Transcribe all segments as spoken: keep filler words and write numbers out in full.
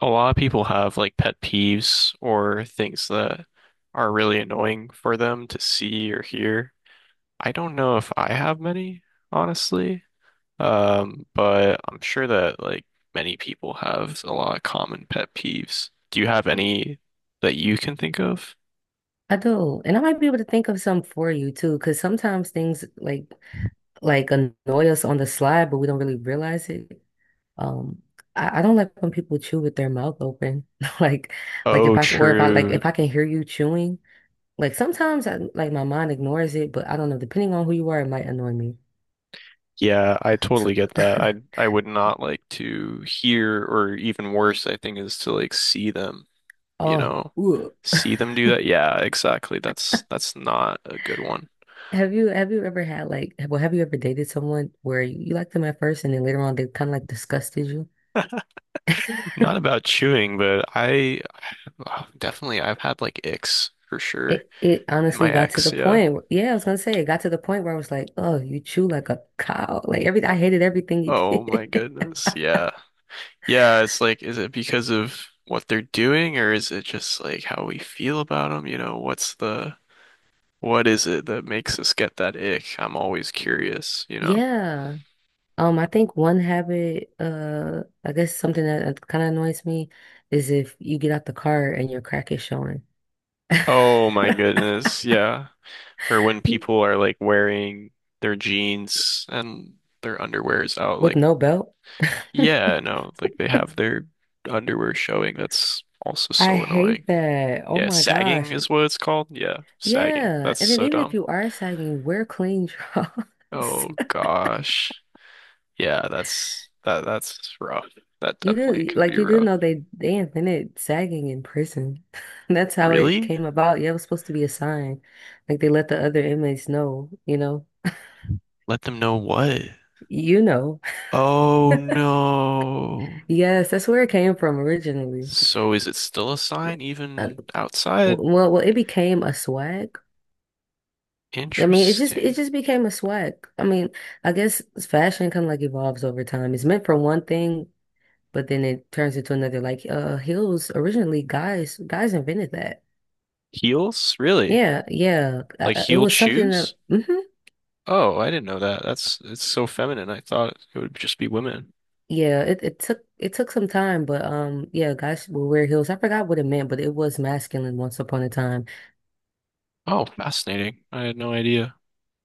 A lot of people have like pet peeves or things that are really annoying for them to see or hear. I don't know if I have many, honestly. Um, but I'm sure that like many people have a lot of common pet peeves. Do you have any that you can think of? I do, and I might be able to think of some for you too, because sometimes things like like annoy us on the slide, but we don't really realize it. Um, I, I don't like when people chew with their mouth open, like like if Oh, I or if I like true. if I can hear you chewing, like sometimes I like my mind ignores it, but I don't know. Depending on who you are, it might annoy me. Yeah, I So, totally get that. I I would not like to hear or even worse, I think, is to like see them. You oh, know, ugh. see them do that. Yeah, exactly. That's that's not a good one. Have you have you ever had like well have you ever dated someone where you, you liked them at first and then later on they kind of like disgusted you? Not about chewing, but I, oh, definitely, I've had like icks for sure. It it My honestly got to ex, the yeah. point. where- Yeah, I was gonna say it got to the point where I was like, "Oh, you chew like a cow." Like everything, I hated everything you Oh did. my goodness. Yeah. Yeah, it's like, is it because of what they're doing or is it just like how we feel about them? You know, what's the, what is it that makes us get that ick? I'm always curious, you know? Yeah. Um, I think one habit, uh, I guess something that kind of annoys me is if you get out the car and your crack is showing Oh my goodness. Yeah. Or when people are like wearing their jeans and their underwear is out, with like, no belt. yeah, no, like they have their underwear showing. That's also I so annoying. hate that. Oh Yeah, my sagging gosh. is what it's called. Yeah, sagging. Yeah. That's And then so even if dumb. you are sagging, wear clean drawers. Oh gosh. Yeah, that's that that's rough. That You definitely do can like be you do rough. know they they invented sagging in prison. That's how it Really? came about. Yeah, it was supposed to be a sign. Like they let the other inmates know, you know. Let them know what? You know. Oh no. Yes, that's where it came from originally. So is it still a sign Uh, even outside? well, well, it became a swag. I mean, it just it Interesting. just became a swag. I mean, I guess fashion kind of like evolves over time. It's meant for one thing, but then it turns into another. Like uh, heels originally, guys guys invented that. Heels? Really? Yeah, yeah. Uh, Like uh, it heeled was something shoes? that mhm. Oh, I didn't know that. That's it's so feminine. I thought it would just be women. Yeah, it, it took it took some time, but um, yeah, guys will wear heels. I forgot what it meant, but it was masculine once upon a time. Oh, fascinating. I had no idea.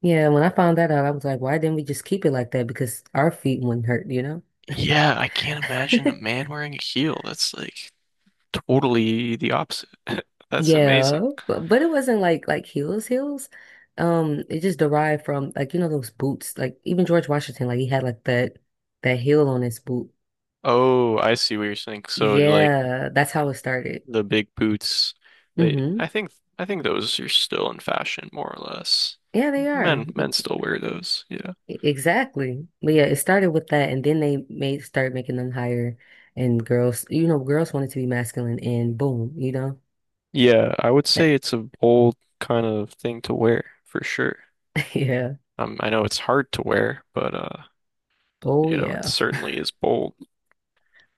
Yeah, when I found that out, I was like, why didn't we just keep it like that? Because our feet wouldn't hurt, you know? Yeah, I can't imagine a man wearing a heel. That's like totally the opposite. That's Yeah, amazing. but but it wasn't like like heels heels. Um, it just derived from like you know those boots. Like even George Washington, like he had like that that heel on his boot. Oh, I see what you're saying. So like Yeah, that's how it started. the big boots, they Hmm. I think I think those are still in fashion more or less. Yeah, they are. Men But men still wear those. Yeah. e- exactly. But yeah, it started with that, and then they made start making them higher, and girls, you know, girls wanted to be masculine, and boom, you know, Yeah, I would say that, it's a bold kind of thing to wear for sure. yeah, Um, I know it's hard to wear, but uh, oh you know, it yeah. certainly is bold.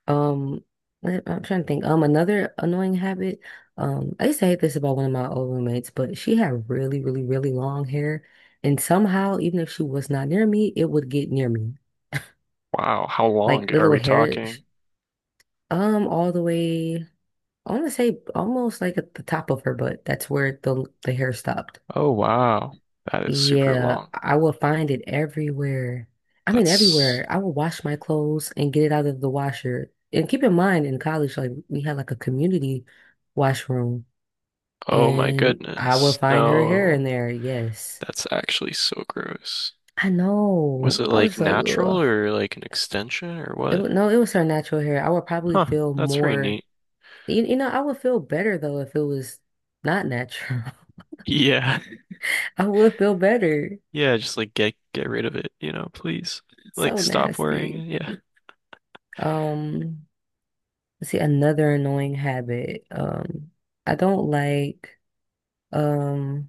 Um, let- I'm trying to think. Um, another annoying habit. Um, I used to hate this about one of my old roommates, but she had really, really, really long hair, and somehow, even if she was not near me, it would get near me, Wow, how like long the are little we hair, sh- talking? um, all the way. I want to say almost like at the top of her butt. That's where the the hair stopped. Oh wow, that is super Yeah, long. I will find it everywhere. I mean, That's everywhere. I will wash my clothes and get it out of the washer. And keep in mind, in college, like we had like a community washroom, oh my and I will goodness. find her hair in No, there. Yes, that's actually so gross. I Was know. it I like was like, natural ugh. or like an extension or It what? was, no, it was her natural hair. I would probably Huh, feel that's pretty more. neat. You, you know, I would feel better though if it was not natural. Yeah. I would feel better. Yeah, just like get get rid of it, you know, please. Like So stop nasty. wearing it. Yeah. Um, see, another annoying habit. Um, I don't like um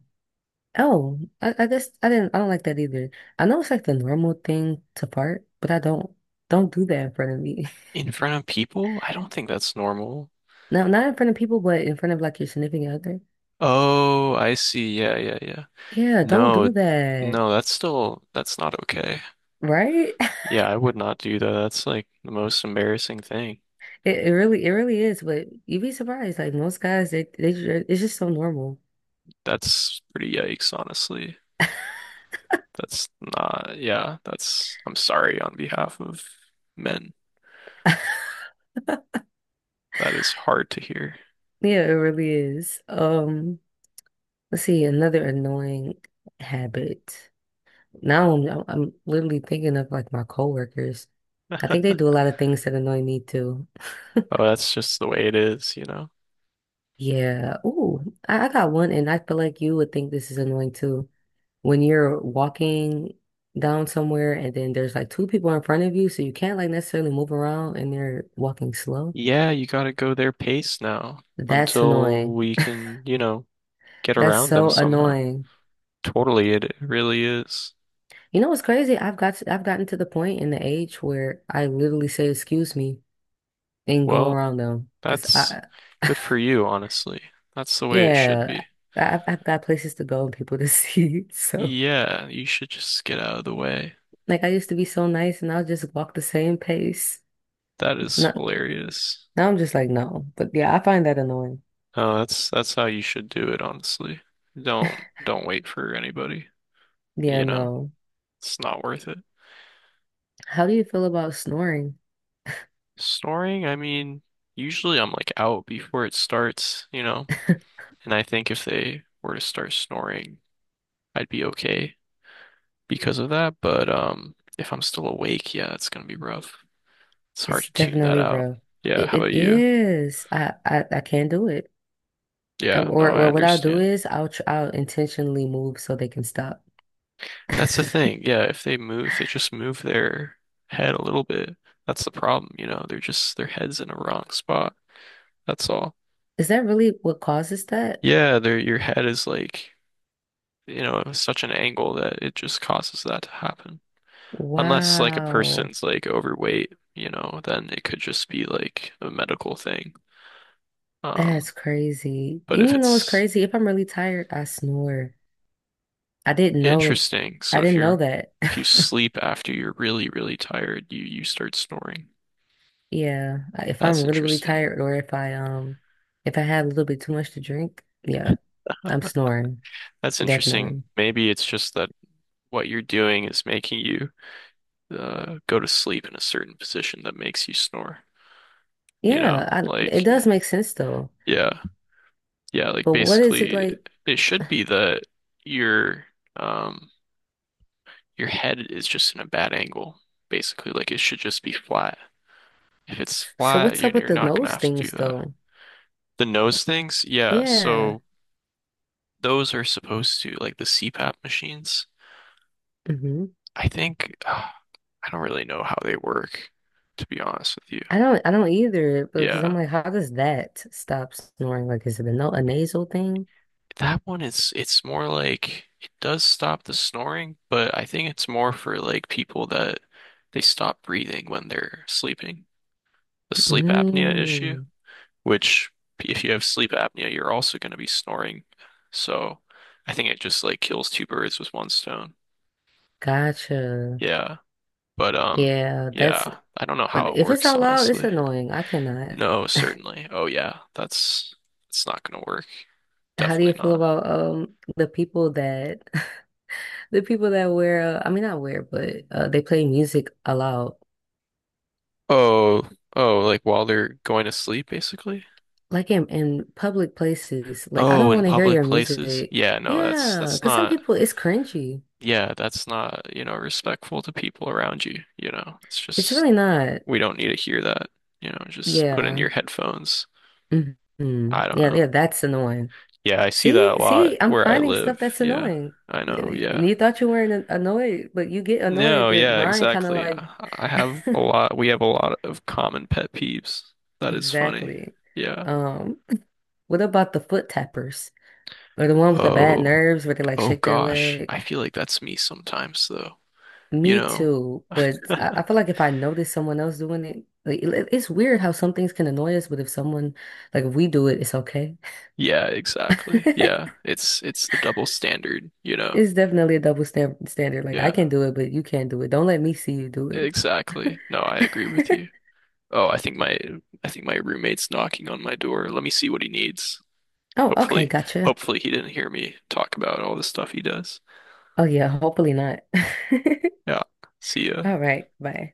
oh, I, I guess I didn't I don't like that either. I know it's like the normal thing to fart, but I don't don't do that in front of me. In front of people? I don't think that's normal. No, not in front of people, but in front of like your significant other. Oh, I see. Yeah, yeah, yeah. Yeah, don't No, do that. no, that's still that's not okay. Right? Yeah, I would not do that. That's like the most embarrassing thing. It, it really it really is, but you'd be surprised. Like most guys, they they ju- it's just so normal. That's pretty yikes, honestly. That's not, yeah, that's I'm sorry on behalf of men. That is hard to hear. Yeah, it really is. Um, let's see, another annoying habit. Now I'm, I'm I'm literally thinking of like my coworkers. I think they do a lot of things that annoy me too. Oh, that's just the way it is, you know. Yeah. Ooh, I, I got one, and I feel like you would think this is annoying too. When you're walking down somewhere, and then there's like two people in front of you, so you can't like necessarily move around, and they're walking slow. Yeah, you gotta go their pace now That's until annoying. we can, you know, get That's around them so somehow. annoying. Totally, it really is. You know what's crazy? I've got to, I've gotten to the point in the age where I literally say excuse me and go Well, around them because that's I good for you, honestly. That's the way it should Yeah, be. I- I've I've got places to go and people to see. So, Yeah, you should just get out of the way. like, I used to be so nice and I'll just walk the same pace. That is Not, hilarious. now I'm just like, no. But yeah, I find that annoying. Oh, that's that's how you should do it, honestly. Don't don't wait for anybody, Yeah, you know. no. It's not worth it. How do you feel about snoring? Snoring, I mean, usually I'm like out before it starts, you know. And I think if they were to start snoring, I'd be okay because of that, but um if I'm still awake, yeah, it's gonna be rough. It's hard It's to tune that definitely out. rough. Yeah, It, how it about you? is. I, I, I can't do it. Yeah, no, Or, I or what I'll do understand. is I'll, tr I'll intentionally move so they can stop. That's the thing. Yeah, if they move, if they just move their head a little bit. That's the problem, you know. They're just their head's in a wrong spot. That's all. Is that really what causes that? Yeah, their your head is like, you know, such an angle that it just causes that to happen. Unless like a Wow. person's like overweight, you know, then it could just be like a medical thing. Um, That's crazy. but if You know what's it's crazy? If I'm really tired, I snore. I didn't know Interesting, so I if didn't know you're that. if you sleep after you're really, really tired, you you start snoring. Yeah, i- if I'm That's really really interesting. tired or if I um if I had a little bit too much to drink, yeah, I'm snoring That's interesting. definitely. Maybe it's just that what you're doing is making you uh, go to sleep in a certain position that makes you snore. You Yeah, know, I, it like, does make sense though. yeah, yeah, like But what is it basically like? it should be that your um your head is just in a bad angle, basically. Like it should just be flat. If it's So flat, what's you up with you're the not gonna nose have to do things that. though? The nose things, yeah, Yeah. so those are supposed to like the CPAP machines. Hmm. I think uh, I don't really know how they work, to be honest with you. I don't I don't either because I'm Yeah. like, how does that stop snoring? Like, is it a no a nasal thing? That one is it's more like it does stop the snoring, but I think it's more for like people that they stop breathing when they're sleeping. The sleep apnea issue, Mm, which if you have sleep apnea, you're also going to be snoring. So I think it just like kills two birds with one stone. gotcha. Yeah. But um Yeah, that's yeah, I don't know but how it if it's works out loud, it's honestly. annoying. I cannot. No, certainly. Oh yeah, that's it's not gonna work. How do you Definitely feel not. about um the people that the people that wear uh, I mean not wear but uh, they play music aloud Oh, oh, like while they're going to sleep, basically. like in in public places like I Oh, don't in want to hear public your places. music, Yeah, no, that's yeah, that's because some not. people it's cringy, Yeah, that's not, you know, respectful to people around you, you know. It's it's just really not, we don't need to hear that, you know, just put in yeah. your headphones. Hmm, I don't yeah, know. yeah, that's annoying. Yeah, I see see that a lot see I'm where I finding stuff live. that's Yeah. annoying I know. and Yeah. you thought you weren't an- annoyed but you get No, annoyed your yeah, mind kind of exactly. like I I have a lot, we have a lot of common pet peeves. That is funny. exactly. Yeah. um what about the foot tappers? Or the one with the bad Oh, nerves where they like oh shake their gosh. leg. I feel like that's me sometimes though. You Me know? too. But I, I feel like if I notice someone else doing it, like it- it's weird how some things can annoy us, but if someone like if we do it, it's okay. Yeah, exactly. Yeah. It's it's the double standard, you know? It's definitely a double stamp standard. Like I Yeah, can do it, but you can't do it. Don't let me see you do it. exactly. No, I agree with you. Oh, I think my I think my roommate's knocking on my door. Let me see what he needs. Oh, okay, Hopefully, gotcha. hopefully he didn't hear me talk about all the stuff he does. Oh yeah, hopefully not. Yeah. See ya. All right, bye.